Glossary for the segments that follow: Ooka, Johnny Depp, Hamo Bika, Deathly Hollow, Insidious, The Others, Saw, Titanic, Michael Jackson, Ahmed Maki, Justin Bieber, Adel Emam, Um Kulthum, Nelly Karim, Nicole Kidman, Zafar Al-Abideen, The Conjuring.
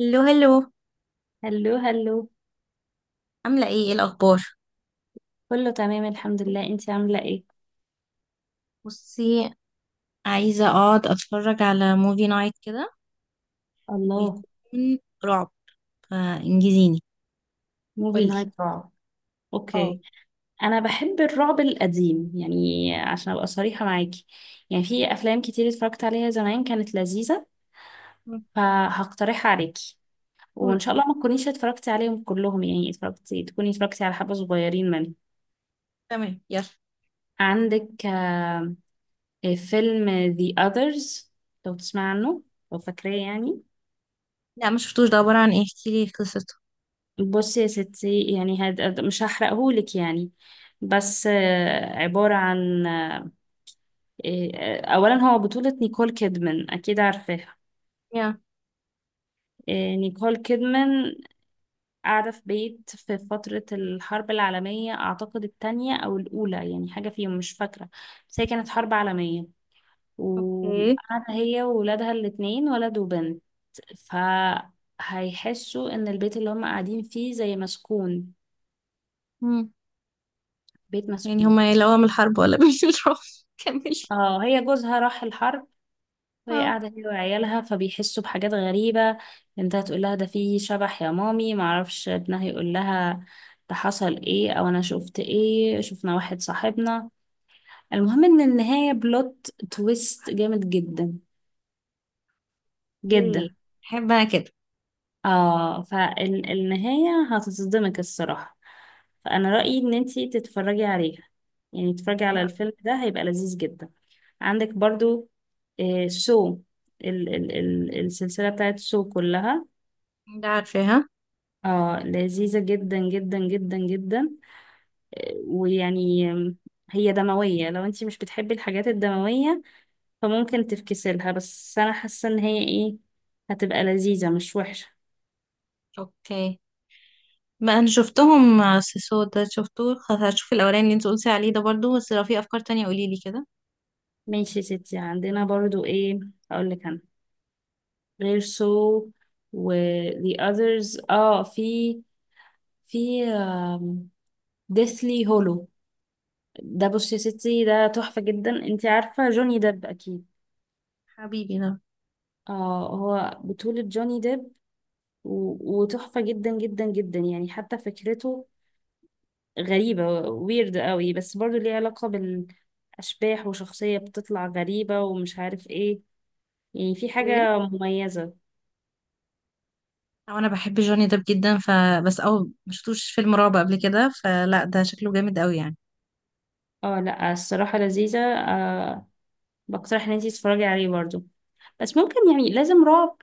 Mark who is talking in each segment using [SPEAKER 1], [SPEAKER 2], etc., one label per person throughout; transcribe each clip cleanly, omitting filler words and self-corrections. [SPEAKER 1] هلو هلو.
[SPEAKER 2] هلو هلو.
[SPEAKER 1] عاملة ايه الأخبار؟
[SPEAKER 2] كله تمام الحمد لله، انتي عاملة ايه؟
[SPEAKER 1] بصي، عايزة اقعد اتفرج على موفي نايت كده،
[SPEAKER 2] الله.
[SPEAKER 1] ويكون رعب، فانجزيني.
[SPEAKER 2] موفي
[SPEAKER 1] قولي.
[SPEAKER 2] نايت رعب؟
[SPEAKER 1] اه.
[SPEAKER 2] اوكي. انا بحب الرعب القديم يعني عشان ابقى صريحة معاكي. يعني في افلام كتير اتفرجت عليها زمان كانت لذيذة،
[SPEAKER 1] مم.
[SPEAKER 2] فهقترحها عليكي. وان
[SPEAKER 1] قولي
[SPEAKER 2] شاء الله
[SPEAKER 1] يلا.
[SPEAKER 2] ما تكونيش اتفرجتي عليهم كلهم، يعني اتفرجتي تكوني اتفرجتي على حبة صغيرين منهم.
[SPEAKER 1] تمام يلا.
[SPEAKER 2] عندك فيلم The Others، لو تسمع عنه، لو فاكراه يعني.
[SPEAKER 1] لا ما شفتوش، ده عبارة عن ايه؟ احكيلي قصته.
[SPEAKER 2] بصي يا ستي، يعني مش هحرقهولك يعني. بس عبارة عن أولا هو بطولة نيكول كيدمان، أكيد عارفاها.
[SPEAKER 1] يا،
[SPEAKER 2] نيكول كيدمان قاعدة في بيت في فترة الحرب العالمية، أعتقد التانية أو الأولى يعني، حاجة فيهم مش فاكرة، بس هي كانت حرب عالمية.
[SPEAKER 1] اوكي.
[SPEAKER 2] وقاعدة هي وولادها الاتنين، ولد وبنت. فهيحسوا إن البيت اللي هم قاعدين فيه زي مسكون،
[SPEAKER 1] مم.
[SPEAKER 2] بيت
[SPEAKER 1] يعني
[SPEAKER 2] مسكون.
[SPEAKER 1] هما يلاقوا من الحرب ولا من الرعب؟ كملي.
[SPEAKER 2] اه، هي جوزها راح الحرب وهي
[SPEAKER 1] اه.
[SPEAKER 2] قاعدة هي وعيالها، فبيحسوا بحاجات غريبة. بنتها تقول لها ده فيه شبح يا مامي، معرفش ابنها يقول لها ده حصل ايه او انا شفت ايه، شفنا واحد صاحبنا. المهم ان النهاية بلوت تويست جامد جدا
[SPEAKER 1] ايه،
[SPEAKER 2] جدا.
[SPEAKER 1] احب انا كده.
[SPEAKER 2] اه، فالنهاية هتتصدمك الصراحة. فانا رأيي ان انتي تتفرجي عليها، يعني تتفرجي على
[SPEAKER 1] لا،
[SPEAKER 2] الفيلم ده هيبقى لذيذ جدا. عندك برضو سو، ال ال ال السلسلة بتاعت سو كلها،
[SPEAKER 1] ده عارفاها.
[SPEAKER 2] اه، لذيذة جدا جدا جدا جدا. ويعني هي دموية، لو انتي مش بتحبي الحاجات الدموية فممكن تفكسلها، بس انا حاسة ان هي ايه، هتبقى لذيذة مش وحشة.
[SPEAKER 1] اوكي، ما انا شفتهم. سيسو ده شفتوه، خلاص هشوف الاولاني اللي انت قلتي عليه ده برضو، بس لو في افكار تانية قوليلي كده.
[SPEAKER 2] ماشي يا ستي، عندنا برضو ايه اقولك انا، غير سو و the others، اه، في في deathly hollow. ده بصي يا ستي، ده تحفة جدا، انتي عارفة جوني ديب اكيد.
[SPEAKER 1] حبيبي ده.
[SPEAKER 2] اه، هو بطولة جوني ديب، وتحفة جدا جدا جدا، يعني حتى فكرته غريبة، ويرد قوي، بس برضو ليه علاقة بالأشباح وشخصية بتطلع غريبة ومش عارف ايه، يعني في
[SPEAKER 1] ايه،
[SPEAKER 2] حاجة مميزة.
[SPEAKER 1] او انا بحب جوني ديب جدا فبس او. ما شفتوش فيلم رعب قبل كده، فلا ده شكله جامد قوي يعني.
[SPEAKER 2] اه لا، الصراحة لذيذة. بقترح ان انتي تتفرجي عليه برضو، بس ممكن يعني لازم رعب.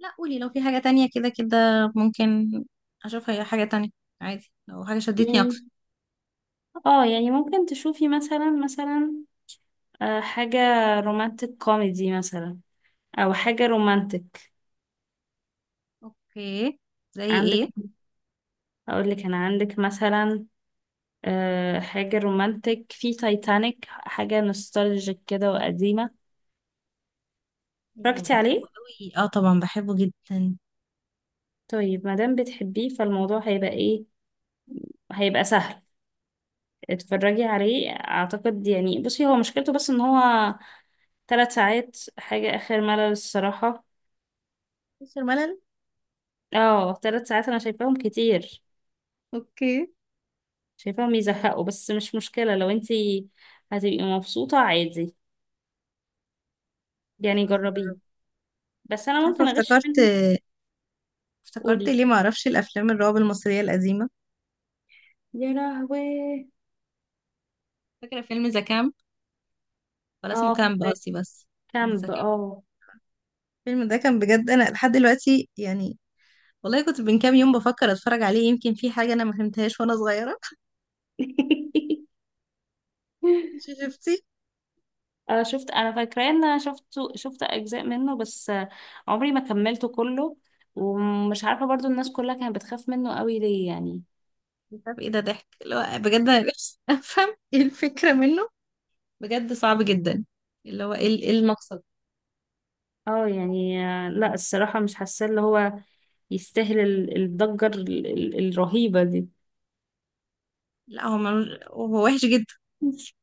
[SPEAKER 1] لا قولي لو في حاجة تانية كده كده، ممكن اشوفها، هي حاجة تانية عادي لو حاجة شدتني
[SPEAKER 2] يعني
[SPEAKER 1] اكتر.
[SPEAKER 2] اه، يعني ممكن تشوفي مثلا حاجة رومانتك كوميدي مثلا، او حاجة رومانتك.
[SPEAKER 1] اوكي، زي
[SPEAKER 2] عندك،
[SPEAKER 1] ايه؟
[SPEAKER 2] اقول لك انا، عندك مثلا حاجة رومانتك في تايتانيك، حاجة نوستالجيك كده وقديمة.
[SPEAKER 1] أوه،
[SPEAKER 2] اتفرجتي
[SPEAKER 1] بحبه
[SPEAKER 2] عليه؟
[SPEAKER 1] قوي. اه طبعا بحبه جدا.
[SPEAKER 2] طيب مادام بتحبيه فالموضوع هيبقى ايه، هيبقى سهل، اتفرجي عليه. اعتقد يعني، بصي هو مشكلته بس ان هو 3 ساعات، حاجة اخر ملل الصراحة.
[SPEAKER 1] مش الملل.
[SPEAKER 2] اه، 3 ساعات انا شايفاهم كتير،
[SPEAKER 1] اوكي.
[SPEAKER 2] شايفاهم يزهقوا، بس مش مشكلة لو انتي هتبقي مبسوطة عادي،
[SPEAKER 1] لا،
[SPEAKER 2] يعني
[SPEAKER 1] خلاص
[SPEAKER 2] جربيه.
[SPEAKER 1] نجرب.
[SPEAKER 2] بس
[SPEAKER 1] مش
[SPEAKER 2] انا
[SPEAKER 1] عارفة
[SPEAKER 2] ممكن اغش
[SPEAKER 1] افتكرت
[SPEAKER 2] منك.
[SPEAKER 1] افتكرت
[SPEAKER 2] قولي.
[SPEAKER 1] ليه ما اعرفش الافلام الرعب المصرية القديمة.
[SPEAKER 2] يا لهوي.
[SPEAKER 1] فاكرة فيلم ذا كامب؟ ولا اسمه
[SPEAKER 2] اه،
[SPEAKER 1] كامب
[SPEAKER 2] فكرة
[SPEAKER 1] قصدي بس. ذا
[SPEAKER 2] كامب
[SPEAKER 1] كامب.
[SPEAKER 2] اه.
[SPEAKER 1] الفيلم ده كان بجد انا لحد دلوقتي يعني، والله كنت من كام يوم بفكر اتفرج عليه، يمكن في حاجه انا ما فهمتهاش وانا صغيره انت شفتي؟
[SPEAKER 2] شفت، انا فاكراه ان انا شفت، شفت اجزاء منه بس، عمري ما كملته كله. ومش عارفه برضو الناس كلها كانت بتخاف منه قوي ليه يعني.
[SPEAKER 1] مش عارف ايه ده، ضحك اللي هو، بجد انا نفسي افهم ايه الفكره منه. بجد صعب جدا. اللي هو ايه، المقصد؟
[SPEAKER 2] اه يعني، لا الصراحه مش حاسه اللي هو يستاهل الضجه الرهيبه دي.
[SPEAKER 1] لا هو وحش جدا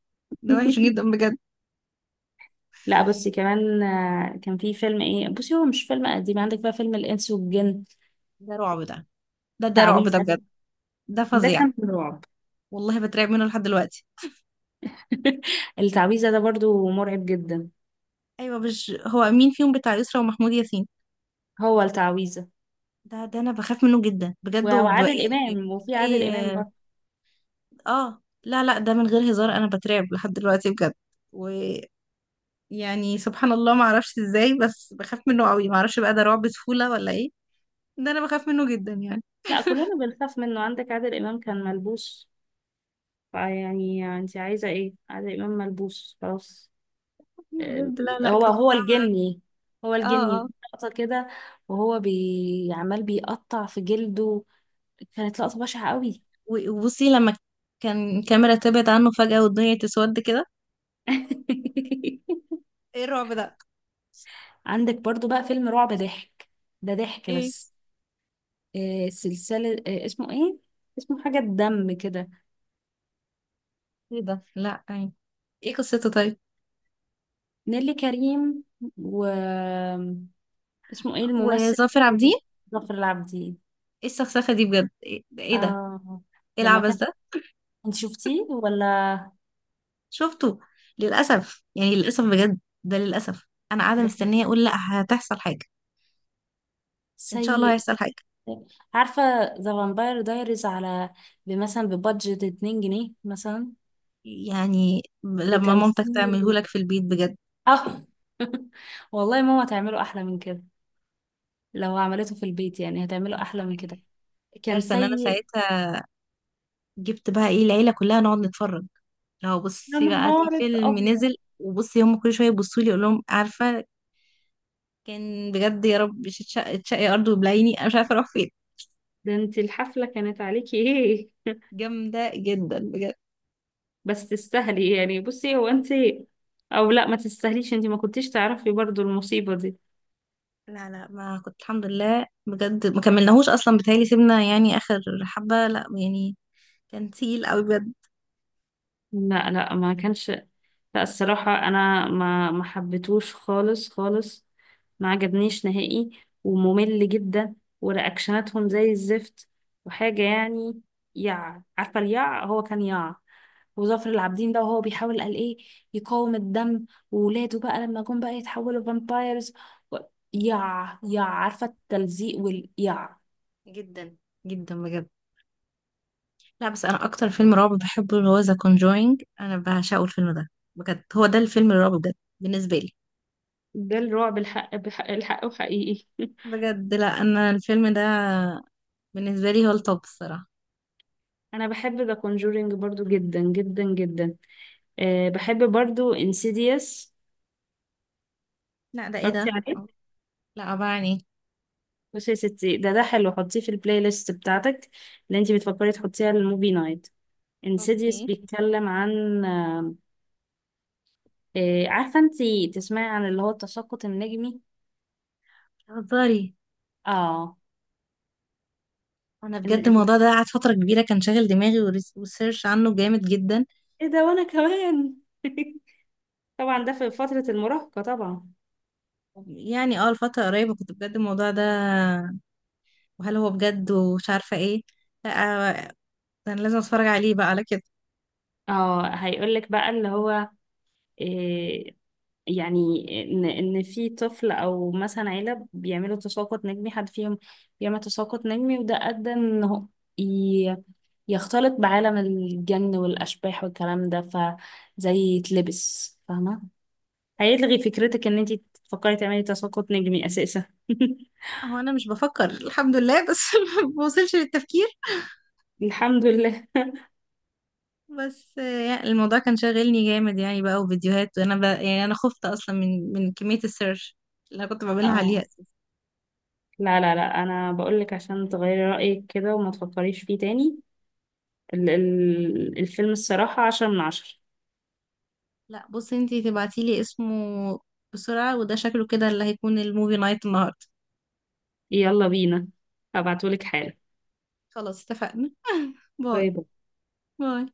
[SPEAKER 1] ده وحش جدا بجد.
[SPEAKER 2] لا، بصي كمان، كان في فيلم ايه، بصي هو مش فيلم قديم، عندك بقى فيلم الانس والجن،
[SPEAKER 1] ده رعب ده. ده رعب ده
[SPEAKER 2] تعويذه.
[SPEAKER 1] بجد. ده
[SPEAKER 2] ده
[SPEAKER 1] فظيع.
[SPEAKER 2] كان رعب.
[SPEAKER 1] والله بترعب منه لحد دلوقتي.
[SPEAKER 2] التعويذه ده برضو مرعب جدا.
[SPEAKER 1] ايوه، مش هو مين فيهم بتاع يسرا ومحمود ياسين؟
[SPEAKER 2] هو التعويذه
[SPEAKER 1] ده انا بخاف منه جدا بجد،
[SPEAKER 2] وعادل
[SPEAKER 1] يعني.
[SPEAKER 2] إمام، وفي عادل إمام
[SPEAKER 1] اي،
[SPEAKER 2] برضه.
[SPEAKER 1] اه. لا لا، ده من غير هزار انا بترعب لحد دلوقتي بجد. ويعني، سبحان الله ما اعرفش ازاي، بس بخاف منه قوي. ما اعرفش بقى، ده رعب طفولة ولا ايه؟ ده انا بخاف منه جدا يعني.
[SPEAKER 2] لا، كلنا بنخاف منه. عندك عادل إمام كان ملبوس، فيعني انت عايزة ايه؟ عادل إمام ملبوس خلاص. آه،
[SPEAKER 1] بجد لا لا،
[SPEAKER 2] هو
[SPEAKER 1] كان
[SPEAKER 2] هو
[SPEAKER 1] صعب.
[SPEAKER 2] الجني، هو
[SPEAKER 1] اه
[SPEAKER 2] الجني.
[SPEAKER 1] اه.
[SPEAKER 2] لقطة كده وهو عمال بيقطع في جلده، كانت لقطة بشعة قوي.
[SPEAKER 1] وبصي لما كان الكاميرا تبعد عنه فجأة والدنيا تسود كده. ايه الرعب ده؟
[SPEAKER 2] عندك برضو بقى فيلم رعب ضحك، ده ضحك
[SPEAKER 1] ايه؟
[SPEAKER 2] بس. سلسلة، اسمه ايه، اسمه حاجة الدم كده.
[SPEAKER 1] ايه ده؟ لا ايه؟ ايه قصته طيب؟
[SPEAKER 2] نيلي كريم و اسمه ايه الممثل،
[SPEAKER 1] وظافر عابدين.
[SPEAKER 2] ظافر العابدين.
[SPEAKER 1] ايه السخسخة دي بجد؟ ايه ده ايه ده؟
[SPEAKER 2] اه
[SPEAKER 1] إيه
[SPEAKER 2] لما
[SPEAKER 1] العبث
[SPEAKER 2] كان،
[SPEAKER 1] ده؟
[SPEAKER 2] انت شفتيه ولا؟
[SPEAKER 1] شفته للأسف، يعني للأسف بجد، ده للأسف أنا قاعدة
[SPEAKER 2] ده
[SPEAKER 1] مستنية أقول لأ،
[SPEAKER 2] سيء
[SPEAKER 1] هتحصل حاجة. إن شاء الله
[SPEAKER 2] سيء.
[SPEAKER 1] هيحصل حاجة.
[SPEAKER 2] عارفة ذا فامباير دايريز على مثلا ببادجت 2 جنيه مثلا،
[SPEAKER 1] يعني لما مامتك
[SPEAKER 2] بتمثيل،
[SPEAKER 1] تعملهولك في البيت بجد.
[SPEAKER 2] اه. والله ماما تعمله أحلى من كده، لو عملته في البيت يعني هتعمله أحلى من كده، كان
[SPEAKER 1] الكارثة إن أنا
[SPEAKER 2] سيء.
[SPEAKER 1] ساعتها جبت بقى إيه العيلة كلها نقعد نتفرج. لو
[SPEAKER 2] يا
[SPEAKER 1] بصي بقى في
[SPEAKER 2] نهار
[SPEAKER 1] فيلم
[SPEAKER 2] أبيض.
[SPEAKER 1] نزل، وبصي هم كل شوية يبصوا لي، أقول لهم عارفة كان بجد، يا رب تشقي أرض وبلعيني، أنا مش عارفة أروح فين.
[SPEAKER 2] ده انت الحفلة كانت عليكي ايه.
[SPEAKER 1] جامدة جدا بجد.
[SPEAKER 2] بس تستاهلي يعني، بصي هو انت، او لا ما تستاهليش، انتي ما كنتيش تعرفي برضو المصيبة دي.
[SPEAKER 1] لا لا، ما كنت الحمد لله بجد، ما كملناهوش اصلا، بتهيألي سيبنا يعني اخر حبة، لا يعني كان تقيل قوي بجد.
[SPEAKER 2] لا لا، ما كانش. لا الصراحة انا ما حبيتهوش خالص خالص، ما عجبنيش نهائي، وممل جدا، ورياكشناتهم زي الزفت، وحاجة يعني، يع، عارفة اليع، هو كان يع. وظافر العابدين ده وهو بيحاول قال ايه، يقاوم الدم، وولاده بقى لما جم بقى يتحولوا فامبايرز، و... يع يع، عارفة التلزيق واليع.
[SPEAKER 1] جدا جدا بجد. لا بس انا اكتر فيلم رعب بحبه اللي هو ذا كونجوينج، انا بعشقه الفيلم ده بجد. هو ده الفيلم الرعب بجد بالنسبة لي.
[SPEAKER 2] ده الرعب الحق بحق الحق وحقيقي.
[SPEAKER 1] بجد لا، انا الفيلم ده بالنسبة لي هو التوب الصراحة.
[SPEAKER 2] انا بحب ذا كونجورينج برضو جدا جدا جدا. أه، بحب برضو انسيديوس.
[SPEAKER 1] لا ده، ايه
[SPEAKER 2] اتفرجتي
[SPEAKER 1] ده؟
[SPEAKER 2] عليه؟
[SPEAKER 1] لا أبعني.
[SPEAKER 2] بصي يا ستي، ده حلو، حطيه في البلاي ليست بتاعتك اللي انتي بتفكري تحطيها للموفي نايت. انسيديوس
[SPEAKER 1] اوكي.
[SPEAKER 2] بيتكلم عن، عارفه انتي تسمعي عن اللي هو التساقط النجمي.
[SPEAKER 1] هزاري.
[SPEAKER 2] اه.
[SPEAKER 1] انا
[SPEAKER 2] ان
[SPEAKER 1] بجد
[SPEAKER 2] إن-
[SPEAKER 1] الموضوع ده قعد فترة كبيرة كان شاغل دماغي، وريسيرش عنه جامد جدا.
[SPEAKER 2] ايه ده، وانا كمان. طبعا ده في فتره المراهقه طبعا.
[SPEAKER 1] يعني اه الفترة قريبة كنت بجد الموضوع ده، وهل هو بجد، ومش عارفة ايه. لا، ده انا لازم اتفرج عليه بقى على كده.
[SPEAKER 2] اه، هيقولك بقى اللي هو، آه، يعني، ان في طفل او مثلا عيله بيعملوا تساقط نجمي، حد فيهم بيعمل تساقط نجمي، وده ادى انه ي- يختلط بعالم الجن والاشباح والكلام ده، فزي يتلبس فاهمه. هيلغي فكرتك ان انت تفكري تعملي تساقط نجمي اساسا.
[SPEAKER 1] لا، هو انا مش بفكر الحمد لله، بس ما بوصلش للتفكير.
[SPEAKER 2] الحمد لله.
[SPEAKER 1] بس يعني الموضوع كان شاغلني جامد يعني بقى، وفيديوهات، وانا بقى يعني انا خفت اصلا من كمية السيرش اللي انا كنت بعملها عليها
[SPEAKER 2] اه
[SPEAKER 1] اساسا.
[SPEAKER 2] لا لا لا، انا بقولك عشان تغيري رايك كده وما تفكريش فيه تاني. الفيلم الصراحه 10 من 10.
[SPEAKER 1] لا بصي، انتي تبعتيلي اسمه بسرعة، وده شكله كده اللي هيكون الموفي نايت النهاردة.
[SPEAKER 2] يلا بينا، هبعتهولك حالا.
[SPEAKER 1] خلاص اتفقنا باي.
[SPEAKER 2] غيظك.
[SPEAKER 1] باي.